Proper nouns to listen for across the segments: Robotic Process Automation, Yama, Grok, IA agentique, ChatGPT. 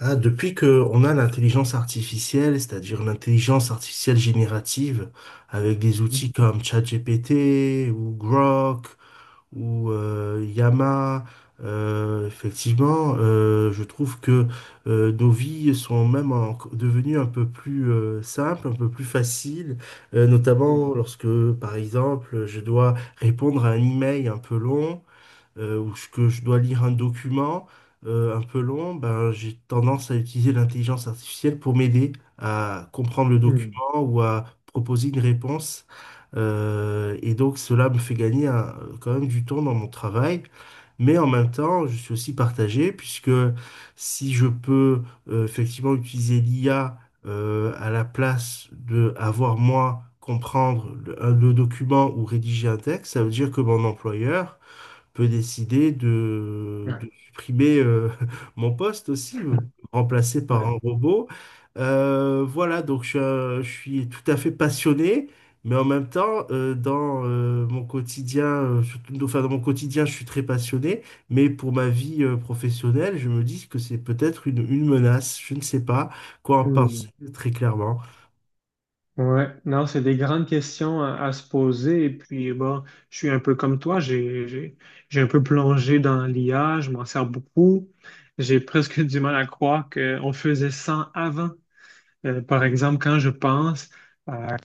Ah, depuis que on a l'intelligence artificielle, c'est-à-dire l'intelligence artificielle générative, avec des Mhm. outils comme ChatGPT ou Grok ou Yama, effectivement, je trouve que nos vies sont devenues un peu plus simples, un peu plus faciles, notamment lorsque, par exemple, je dois répondre à un email un peu long ou ce que je dois lire un document un peu long, ben, j'ai tendance à utiliser l'intelligence artificielle pour m'aider à comprendre le Mhm. document ou à proposer une réponse. Et donc cela me fait gagner quand même du temps dans mon travail. Mais en même temps, je suis aussi partagé puisque si je peux effectivement utiliser l'IA à la place de avoir moi comprendre le document ou rédiger un texte, ça veut dire que mon employeur peut décider Ouais. de supprimer mon poste aussi, me remplacer par Ouais. un robot. Voilà, donc je suis tout à fait passionné, mais en même temps, dans mon quotidien, surtout, enfin, dans mon quotidien, je suis très passionné, mais pour ma vie professionnelle, je me dis que c'est peut-être une menace. Je ne sais pas quoi en penser Hmm. très clairement. Ouais, non, c'est des grandes questions à se poser. Et puis, bon, je suis un peu comme toi, j'ai un peu plongé dans l'IA, je m'en sers beaucoup. J'ai presque du mal à croire qu'on faisait ça avant. Par exemple, quand je pense à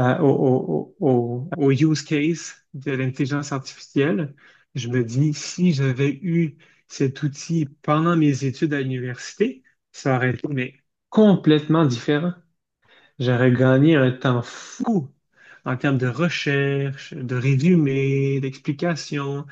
au au use case de l'intelligence artificielle, je me dis, si j'avais eu cet outil pendant mes études à l'université, ça aurait été mais, complètement différent. J'aurais gagné un temps fou en termes de recherche, de résumé, d'explication.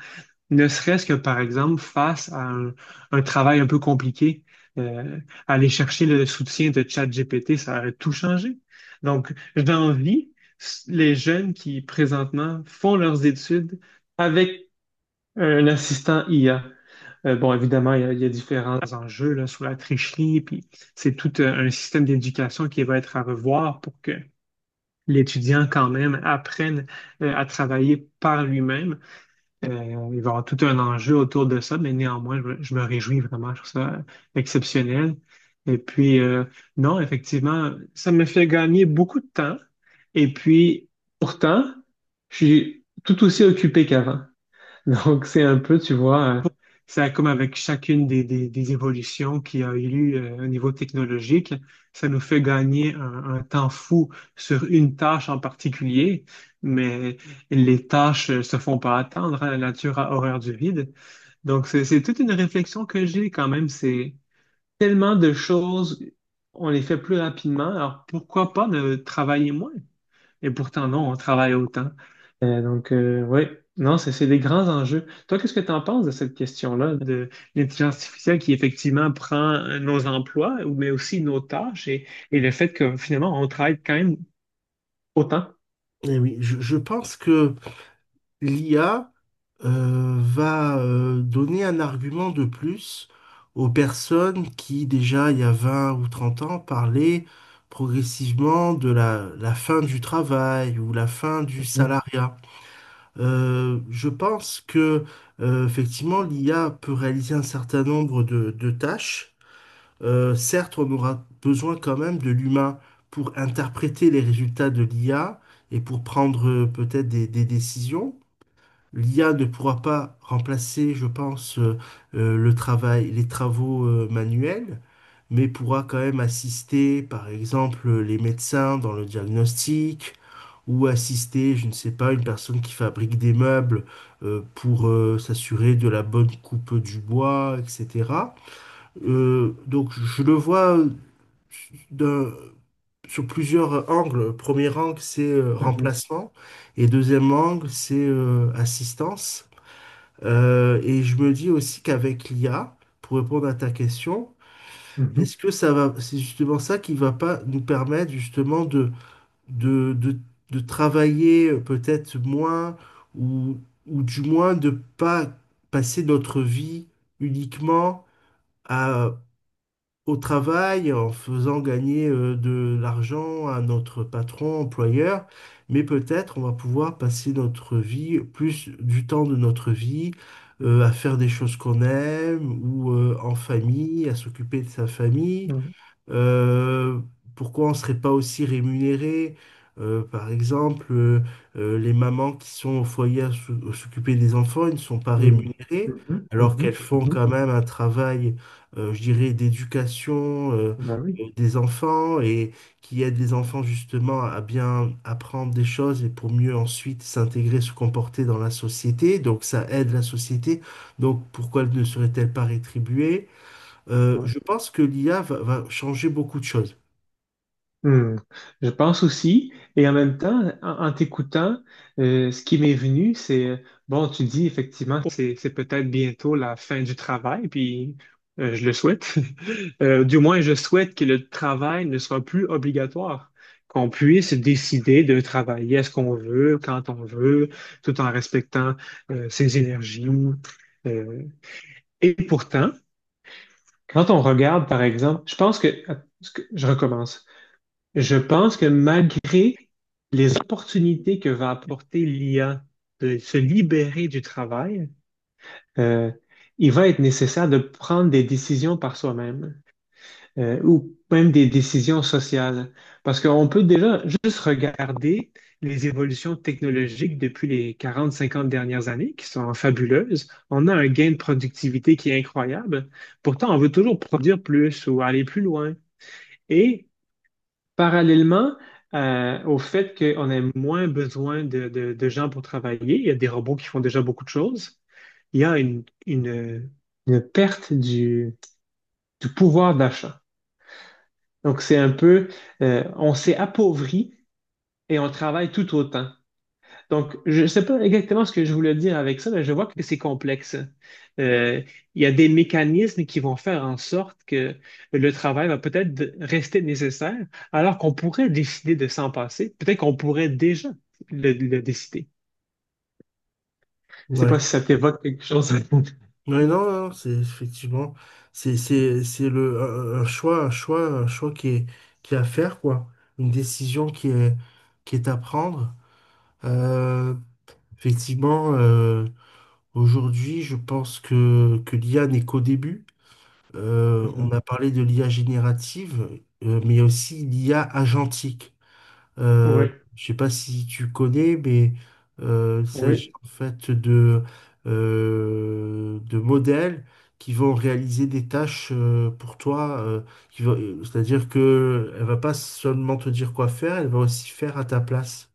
Ne serait-ce que, par exemple, face à un travail un peu compliqué, euh, aller chercher le soutien de ChatGPT, ça aurait tout changé. Donc, j'envie les jeunes qui, présentement, font leurs études avec un assistant IA. Bon, évidemment, il y a différents enjeux là, sur la tricherie, puis c'est tout un système d'éducation qui va être à revoir pour que l'étudiant, quand même, apprenne à travailler par lui-même. Il va y avoir tout un enjeu autour de ça, mais néanmoins, je me réjouis vraiment. Je trouve ça exceptionnel. Et puis, non, effectivement, ça me fait gagner beaucoup de temps. Et puis, pourtant, je suis tout aussi occupé qu'avant. Donc, c'est un peu, tu vois, c'est comme avec chacune des évolutions qu'il y a eu lieu, au niveau technologique, ça nous fait gagner un temps fou sur une tâche en particulier, mais les tâches se font pas attendre, hein, la nature a horreur du vide. Donc, c'est toute une réflexion que j'ai quand même, c'est tellement de choses, on les fait plus rapidement, alors pourquoi pas de travailler moins? Et pourtant, non, on travaille autant. Donc, ouais, non, c'est des grands enjeux. Toi, qu'est-ce que tu en penses de cette question-là, de l'intelligence artificielle qui effectivement prend nos emplois, ou- mais aussi nos tâches et le fait que finalement, on travaille quand même autant? Et oui, je pense que l'IA va donner un argument de plus aux personnes qui, déjà il y a 20 ou 30 ans, parlaient progressivement de la fin du travail ou la fin du Mhm, salariat. Je pense que, effectivement, l'IA peut réaliser un certain nombre de tâches. Certes, on aura besoin quand même de l'humain pour interpréter les résultats de l'IA et pour prendre peut-être des décisions. L'IA ne pourra pas remplacer, je pense, le travail, les travaux manuels, mais pourra quand même assister, par exemple, les médecins dans le diagnostic, ou assister, je ne sais pas, une personne qui fabrique des meubles pour s'assurer de la bonne coupe du bois, etc. Donc je le vois d'un- sur plusieurs angles. Premier angle, c'est mhm, remplacement, et deuxième angle, c'est assistance. Et je me dis aussi qu'avec l'IA, pour répondre à ta question, mhm, est-ce que ça va, c'est justement ça qui va pas nous permettre justement de, de, de travailler peut-être moins ou, ou du moins de pas passer notre vie uniquement à au travail en faisant gagner de l'argent à notre patron, employeur, mais peut-être on va pouvoir passer notre vie, plus du temps de notre vie, à faire des choses qu'on aime ou en famille, à s'occuper de sa famille. mhm, Euh, Pourquoi on ne serait pas aussi rémunéré? Par exemple, les mamans qui sont au foyer à s'occuper des enfants, ils ne sont pas mhm, rémunérées, mhm, alors qu'elles mhm, font mhm. quand même un travail, je dirais, d'éducation Ben oui. Des enfants et qui aide les enfants justement à bien apprendre des choses et pour mieux ensuite s'intégrer, se comporter dans la société. Donc ça aide la société. Donc pourquoi ne serait-elle pas rétribuée? Je pense que l'IA va changer beaucoup de choses. Hmm. Je pense aussi, et en même temps, en t'écoutant, ce qui m'est venu, c'est bon, tu dis effectivement que c'est peut-être bientôt la fin du travail, puis je le souhaite. Du moins, je souhaite que le travail ne soit plus obligatoire, qu'on puisse décider de travailler à ce qu'on veut, quand on veut, tout en respectant ses énergies. Euh, et pourtant, quand on regarde, par exemple, je recommence. Je pense que malgré les opportunités que va apporter l'IA de se libérer du travail, euh, il va être nécessaire de prendre des décisions par soi-même, ou même des décisions sociales. Parce qu'on peut déjà juste regarder les évolutions technologiques depuis les 40 50 dernières années, qui sont fabuleuses. On a un gain de productivité qui est incroyable. Pourtant, on veut toujours produire plus ou aller plus loin. Et parallèlement au fait qu'on a moins besoin de, de gens pour travailler, il y a des robots qui font déjà beaucoup de choses, il y a une perte du pouvoir d'achat. Donc c'est un peu, on s'est appauvri et on travaille tout autant. Donc, je ne sais pas exactement ce que je voulais dire avec ça, mais je vois que c'est complexe. Euh, il y a des mécanismes qui vont faire en sorte que le travail va peut-être rester nécessaire, alors qu'on pourrait décider de s'en passer. Peut-être qu'on pourrait déjà le décider. Je ne sais Ouais. pas si ça t'évoque quelque chose. Ouais, non, non, c'est effectivement, c'est le un choix, un choix, un choix qui est à faire quoi, une décision qui est à prendre. Euh, Effectivement, aujourd'hui, je pense que l'IA n'est qu'au début. On Mhm. a parlé de l'IA générative, mais il y a aussi l'IA agentique. Euh, Oui, je sais pas si tu connais, mais il s'agit oui, en fait de modèles qui vont réaliser des tâches pour toi. C'est-à-dire que elle va pas seulement te dire quoi faire, elle va aussi faire à ta place.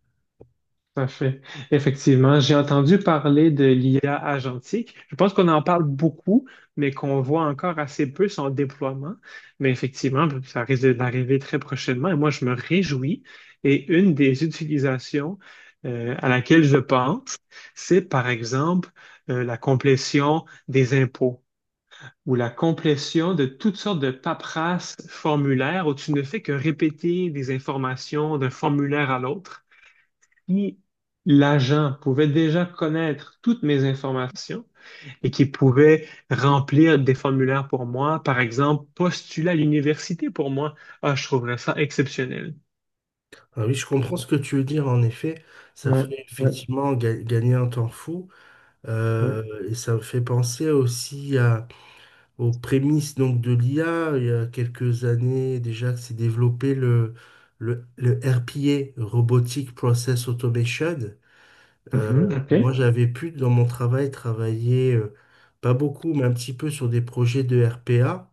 tout à fait. Effectivement, j'ai entendu parler de l'IA agentique. Je pense qu'on en parle beaucoup, mais qu'on voit encore assez peu son déploiement. Mais effectivement, ça risque d'arriver très prochainement. Et moi, je me réjouis. Et une des utilisations à laquelle je pense, c'est par exemple la complétion des impôts ou la complétion de toutes sortes de paperasses formulaires où tu ne fais que répéter des informations d'un formulaire à l'autre. Qui, l'agent, pouvait déjà connaître toutes mes informations et qui pouvait remplir des formulaires pour moi, par exemple, postuler à l'université pour moi. Ah, je trouverais ça exceptionnel. Alors oui, je comprends ce que tu veux dire. En effet, ça Ouais, ferait ouais, effectivement gagner un temps fou. ouais. euh, et ça me fait penser aussi aux prémices donc de l'IA. Il y a quelques années déjà que s'est développé le RPA, Robotic Process Automation. Euh, Mhm, Moi, OK. j'avais pu dans mon travail travailler pas beaucoup, mais un petit peu sur des projets de RPA.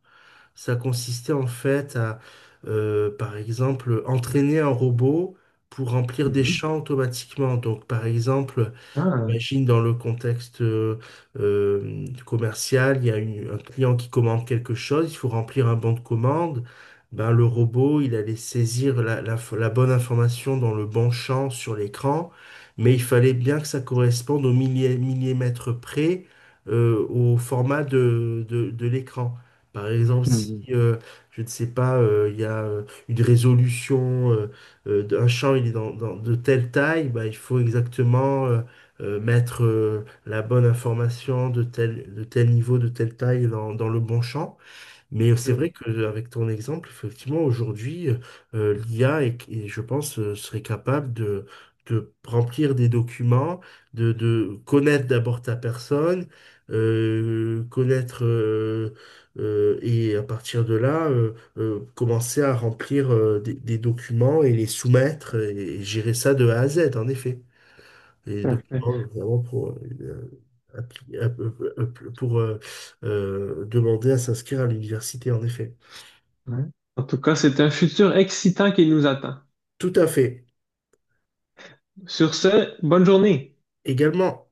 Ça consistait en fait à, par exemple, entraîner un robot pour remplir des Mhm. champs automatiquement. Donc, par exemple, Ah, j'imagine dans le contexte commercial, il y a un client qui commande quelque chose, il faut remplir un bon de commande. Ben, le robot, il allait saisir la bonne information dans le bon champ sur l'écran, mais il fallait bien que ça corresponde au millimètre près au format de l'écran. Par exemple, si, mhm, je ne sais pas, il y a une résolution, d'un champ, il est de telle taille, ben, il faut exactement mettre la bonne information de tel niveau, de telle taille dans le bon champ. Mais c'est mhm, vrai qu'avec ton exemple, effectivement, aujourd'hui, l'IA, est, je pense, serait capable de remplir des documents, de connaître d'abord ta personne, connaître. Et à partir de là, commencer à remplir des documents et les soumettre et gérer ça de A à Z, en effet. Et donc, parfait. hein, vraiment appli- euh, euh, pour demander à s'inscrire à l'université, en effet. Ouais. En tout cas, c'est un futur excitant qui nous attend. Tout à fait. Sur ce, bonne journée. Également,